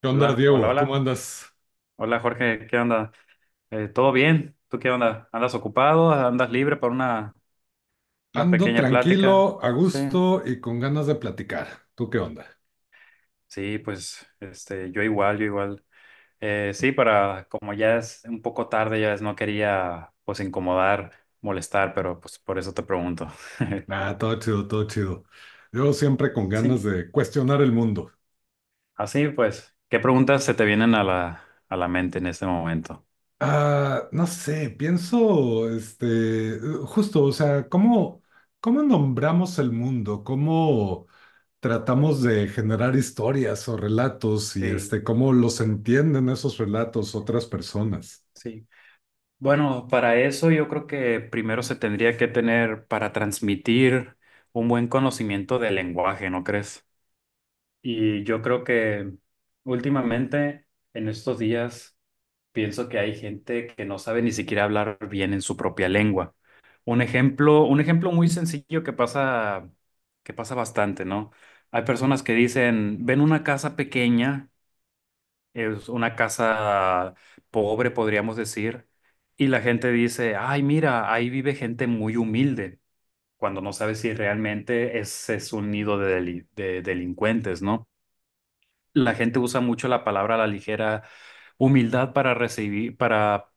¿Qué onda, Hola, hola, Diego? ¿Cómo hola. andas? Hola Jorge, ¿qué onda? ¿Todo bien? ¿Tú qué onda? ¿Andas ocupado? ¿Andas libre para una Ando pequeña plática? tranquilo, a Sí. gusto y con ganas de platicar. ¿Tú qué onda? Sí, pues yo igual, yo igual. Sí, para como ya es un poco tarde, ya es, no quería pues incomodar, molestar, pero pues por eso te pregunto. Ah, todo chido, todo chido. Yo siempre con ganas Sí. de cuestionar el mundo. Así pues, ¿qué preguntas se te vienen a la mente en este momento? Ah, no sé, pienso, este, justo, o sea, ¿cómo nombramos el mundo? ¿Cómo tratamos de generar historias o relatos y Sí, este, cómo los entienden esos relatos otras personas? sí. Bueno, para eso yo creo que primero se tendría que tener para transmitir un buen conocimiento del lenguaje, ¿no crees? Y yo creo que últimamente, en estos días, pienso que hay gente que no sabe ni siquiera hablar bien en su propia lengua. Un ejemplo muy sencillo que pasa bastante, ¿no? Hay personas que dicen, ven una casa pequeña es una casa pobre, podríamos decir. Y la gente dice, ay, mira, ahí vive gente muy humilde, cuando no sabe si realmente ese es un nido de delincuentes, ¿no? La gente usa mucho la palabra a la ligera humildad para recibir, para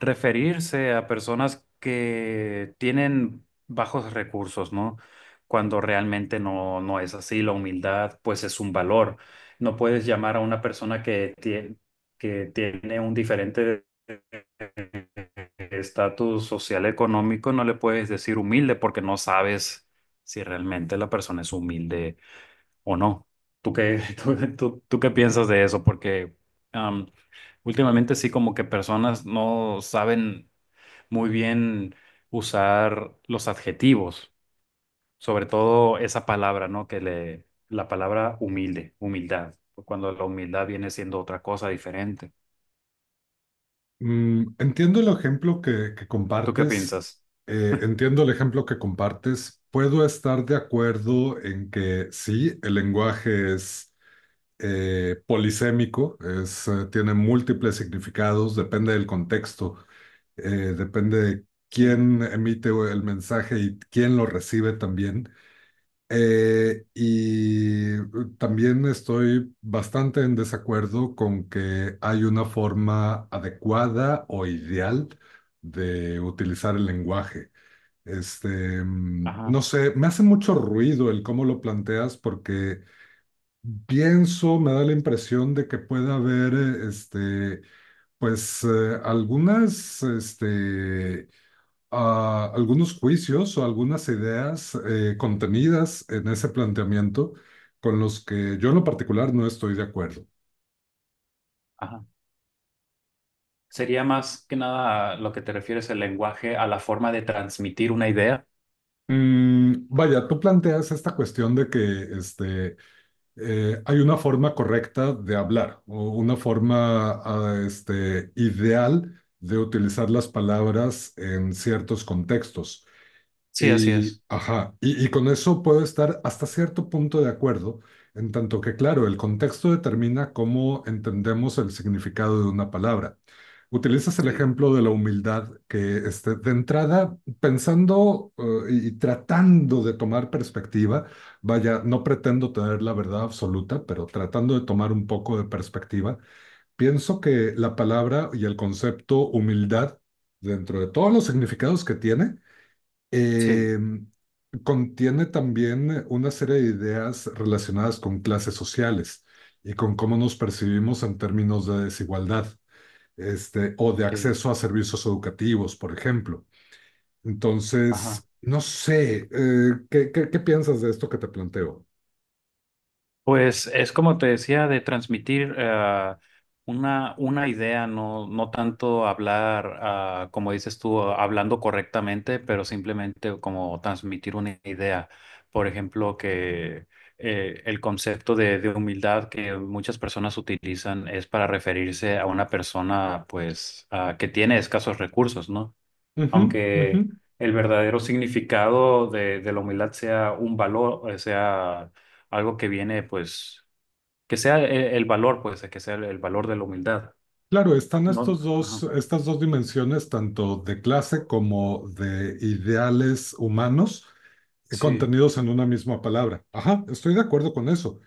referirse a personas que tienen bajos recursos, ¿no? Cuando realmente no, no es así. La humildad, pues, es un valor. No puedes llamar a una persona que tiene un diferente estatus social económico, no le puedes decir humilde porque no sabes si realmente la persona es humilde o no. ¿Tú qué, tú qué piensas de eso? Porque am, últimamente sí como que personas no saben muy bien usar los adjetivos, sobre todo esa palabra, ¿no? Que le, la palabra humilde, humildad, cuando la humildad viene siendo otra cosa diferente. Mm, entiendo el ejemplo que ¿Tú qué compartes, piensas? Entiendo el ejemplo que compartes. Puedo estar de acuerdo en que sí, el lenguaje es polisémico, es, tiene múltiples significados, depende del contexto, depende de Sí, quién emite el mensaje y quién lo recibe también. Y también estoy bastante en desacuerdo con que hay una forma adecuada o ideal de utilizar el lenguaje. Este, ajá, no sé, me hace mucho ruido el cómo lo planteas porque pienso, me da la impresión de que puede haber, este, pues algunas, este, a algunos juicios o algunas ideas contenidas en ese planteamiento con los que yo en lo particular no estoy de acuerdo. ajá. Sería más que nada lo que te refieres el lenguaje a la forma de transmitir una idea. Vaya, tú planteas esta cuestión de que este, hay una forma correcta de hablar o una forma este, ideal de utilizar las palabras en ciertos contextos. Sí, así Y, es. ajá, y con eso puedo estar hasta cierto punto de acuerdo, en tanto que, claro, el contexto determina cómo entendemos el significado de una palabra. Utilizas el Sí, ejemplo de la humildad, que este, de entrada, pensando y tratando de tomar perspectiva, vaya, no pretendo tener la verdad absoluta, pero tratando de tomar un poco de perspectiva, pienso que la palabra y el concepto humildad, dentro de todos los significados que tiene, sí, em, contiene también una serie de ideas relacionadas con clases sociales y con cómo nos percibimos en términos de desigualdad, este, o de sí. acceso a servicios educativos, por ejemplo. Ajá. Entonces, no sé, ¿qué piensas de esto que te planteo? Pues es como te decía, de transmitir una idea, no, no tanto hablar, ah, como dices tú, hablando correctamente, pero simplemente como transmitir una idea. Por ejemplo, que el concepto de humildad que muchas personas utilizan es para referirse a una persona pues, ah, que tiene escasos recursos, ¿no? Ujú, ujú. Aunque el verdadero significado de la humildad sea un valor, sea algo que viene, pues, que sea el valor, pues, que sea el valor de la humildad, Claro, ¿no? Ajá, estas dos dimensiones, tanto de clase como de ideales humanos, sí, contenidos en una misma palabra. Ajá, estoy de acuerdo con eso.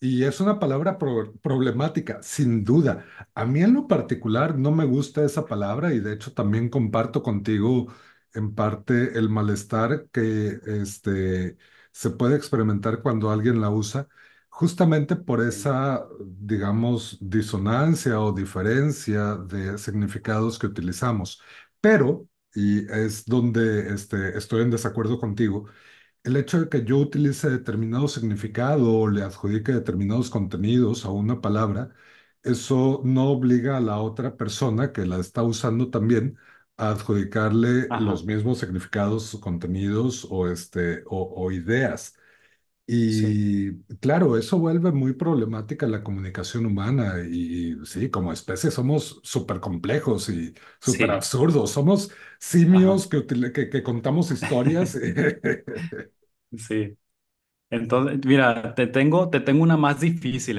Y es una palabra problemática, sin duda. A mí en lo particular no me gusta esa palabra y de hecho también comparto contigo en parte el malestar que este, se puede experimentar cuando alguien la usa, justamente por sí, esa, digamos, disonancia o diferencia de significados que utilizamos. Pero, y es donde este, estoy en desacuerdo contigo, el hecho de que yo utilice determinado significado o le adjudique determinados contenidos a una palabra, eso no obliga a la otra persona que la está usando también a adjudicarle los ajá, mismos significados, contenidos o, este, o ideas. sí, Y claro, eso vuelve muy problemática la comunicación humana y sí, como especie somos súper complejos y súper sí, absurdos. Somos ajá, simios que contamos historias sí. Entonces, mira, te tengo una más difícil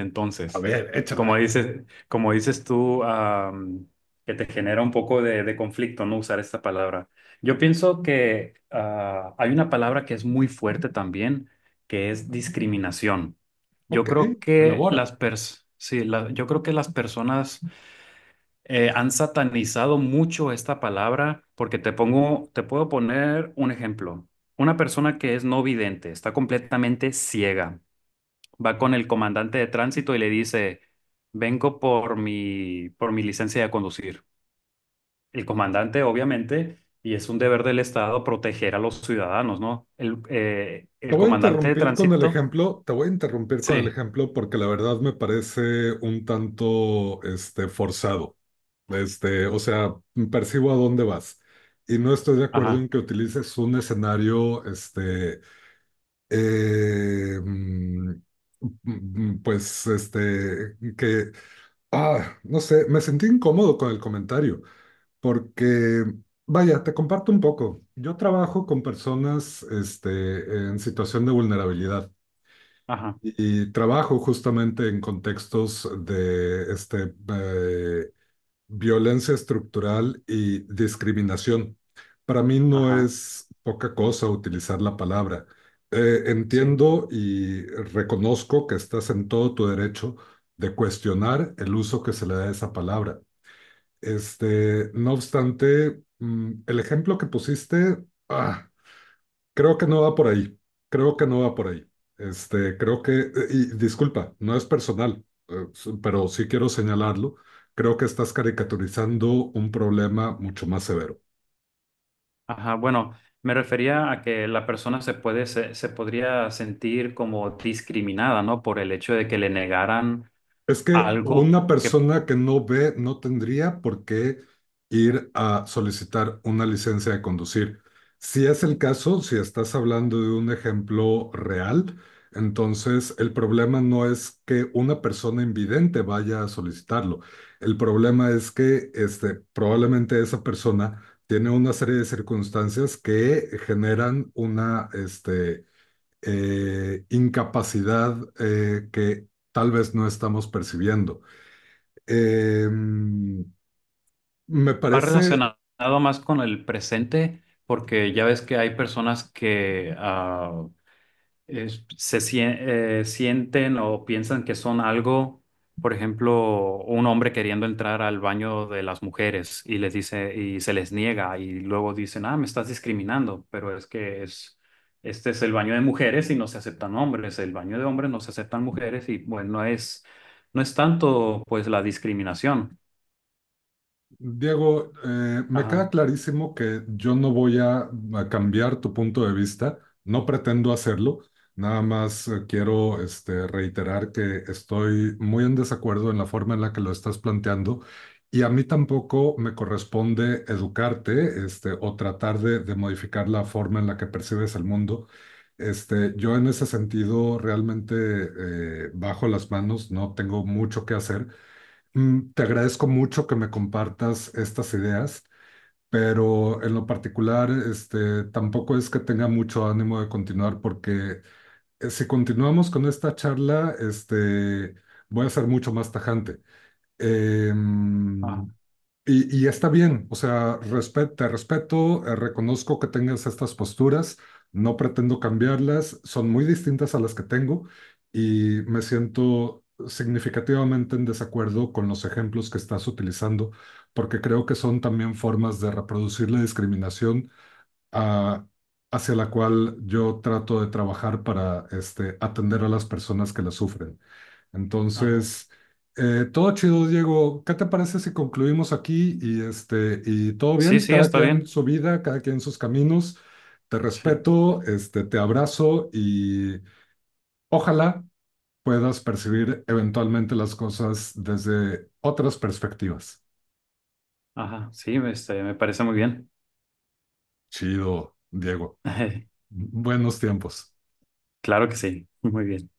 A entonces. ver, échala. Como dices tú, que te genera un poco de conflicto no usar esta palabra. Yo pienso que ah, hay una palabra que es muy fuerte también, que es discriminación. Yo Ok, creo que elabora. Sí, la- yo creo que las personas han satanizado mucho esta palabra porque te pongo, te puedo poner un ejemplo. Una persona que es no vidente, está completamente ciega, va con el comandante de tránsito y le dice, vengo por por mi licencia de conducir. El comandante, obviamente, y es un deber del Estado proteger a los ciudadanos, ¿no? Te El voy a comandante de interrumpir con el tránsito. ejemplo, te voy a interrumpir con el Sí. ejemplo porque la verdad me parece un tanto, este, forzado. Este, o sea, percibo a dónde vas. Y no estoy de acuerdo Ajá, en que utilices un escenario, este, eh, mm, pues, este, que, ah, no sé, me sentí incómodo con el comentario. Porque, vaya, te comparto un poco. Yo trabajo con personas, este, en situación de vulnerabilidad ajá, y trabajo justamente en contextos de, este, violencia estructural y discriminación. Para mí no ajá, es poca cosa utilizar la palabra. Sí. Entiendo y reconozco que estás en todo tu derecho de cuestionar el uso que se le da a esa palabra. Este, no obstante, el ejemplo que pusiste, ah, creo que no va por ahí. Creo que no va por ahí. Este, creo que, y disculpa, no es personal, pero sí quiero señalarlo. Creo que estás caricaturizando un problema mucho más severo. Ajá, bueno, me refería a que la persona se puede, se podría sentir como discriminada, ¿no? Por el hecho de que le negaran Es que algo una que persona que no ve no tendría por qué ir a solicitar una licencia de conducir. Si es el caso, si estás hablando de un ejemplo real, entonces el problema no es que una persona invidente vaya a solicitarlo. El problema es que este, probablemente esa persona tiene una serie de circunstancias que generan una, este, incapacidad que tal vez no estamos percibiendo. Eh, me va parece relacionado más con el presente, porque ya ves que hay personas que ah, sienten o piensan que son algo, por ejemplo, un hombre queriendo entrar al baño de las mujeres y les dice y se les niega y luego dicen, ah, me estás discriminando, pero es que es este es el baño de mujeres y no se aceptan hombres, el baño de hombres no se aceptan mujeres y bueno, no es tanto pues la discriminación. Diego, me Ajá, queda clarísimo que yo no voy a cambiar tu punto de vista, no pretendo hacerlo, nada más quiero este, reiterar que estoy muy en desacuerdo en la forma en la que lo estás planteando y a mí tampoco me corresponde educarte este, o tratar de modificar la forma en la que percibes el mundo. Este, yo en ese sentido realmente bajo las manos, no tengo mucho que hacer. Mm, te agradezco mucho que me compartas estas ideas, pero en lo particular, este, tampoco es que tenga mucho ánimo de continuar porque si continuamos con esta charla, este, voy a ser mucho más tajante. ajá, Em, y, y está bien, o sea, te respeto, reconozco que tengas estas posturas, no pretendo cambiarlas, son muy distintas a las que tengo y me siento significativamente en desacuerdo con los ejemplos que estás utilizando, porque creo que son también formas de reproducir la discriminación ah, hacia la cual yo trato de trabajar para este, atender a las personas que la sufren. ajá. Entonces, todo chido, Diego. ¿Qué te parece si concluimos aquí y este y todo Sí, bien? sí, Cada está quien bien. su vida, cada quien sus caminos. Te Sí, respeto, este, te abrazo y ojalá puedas percibir eventualmente las cosas desde otras perspectivas. ajá, sí, este, me parece muy bien. Chido, Diego. Buenos tiempos. Claro que sí, muy bien.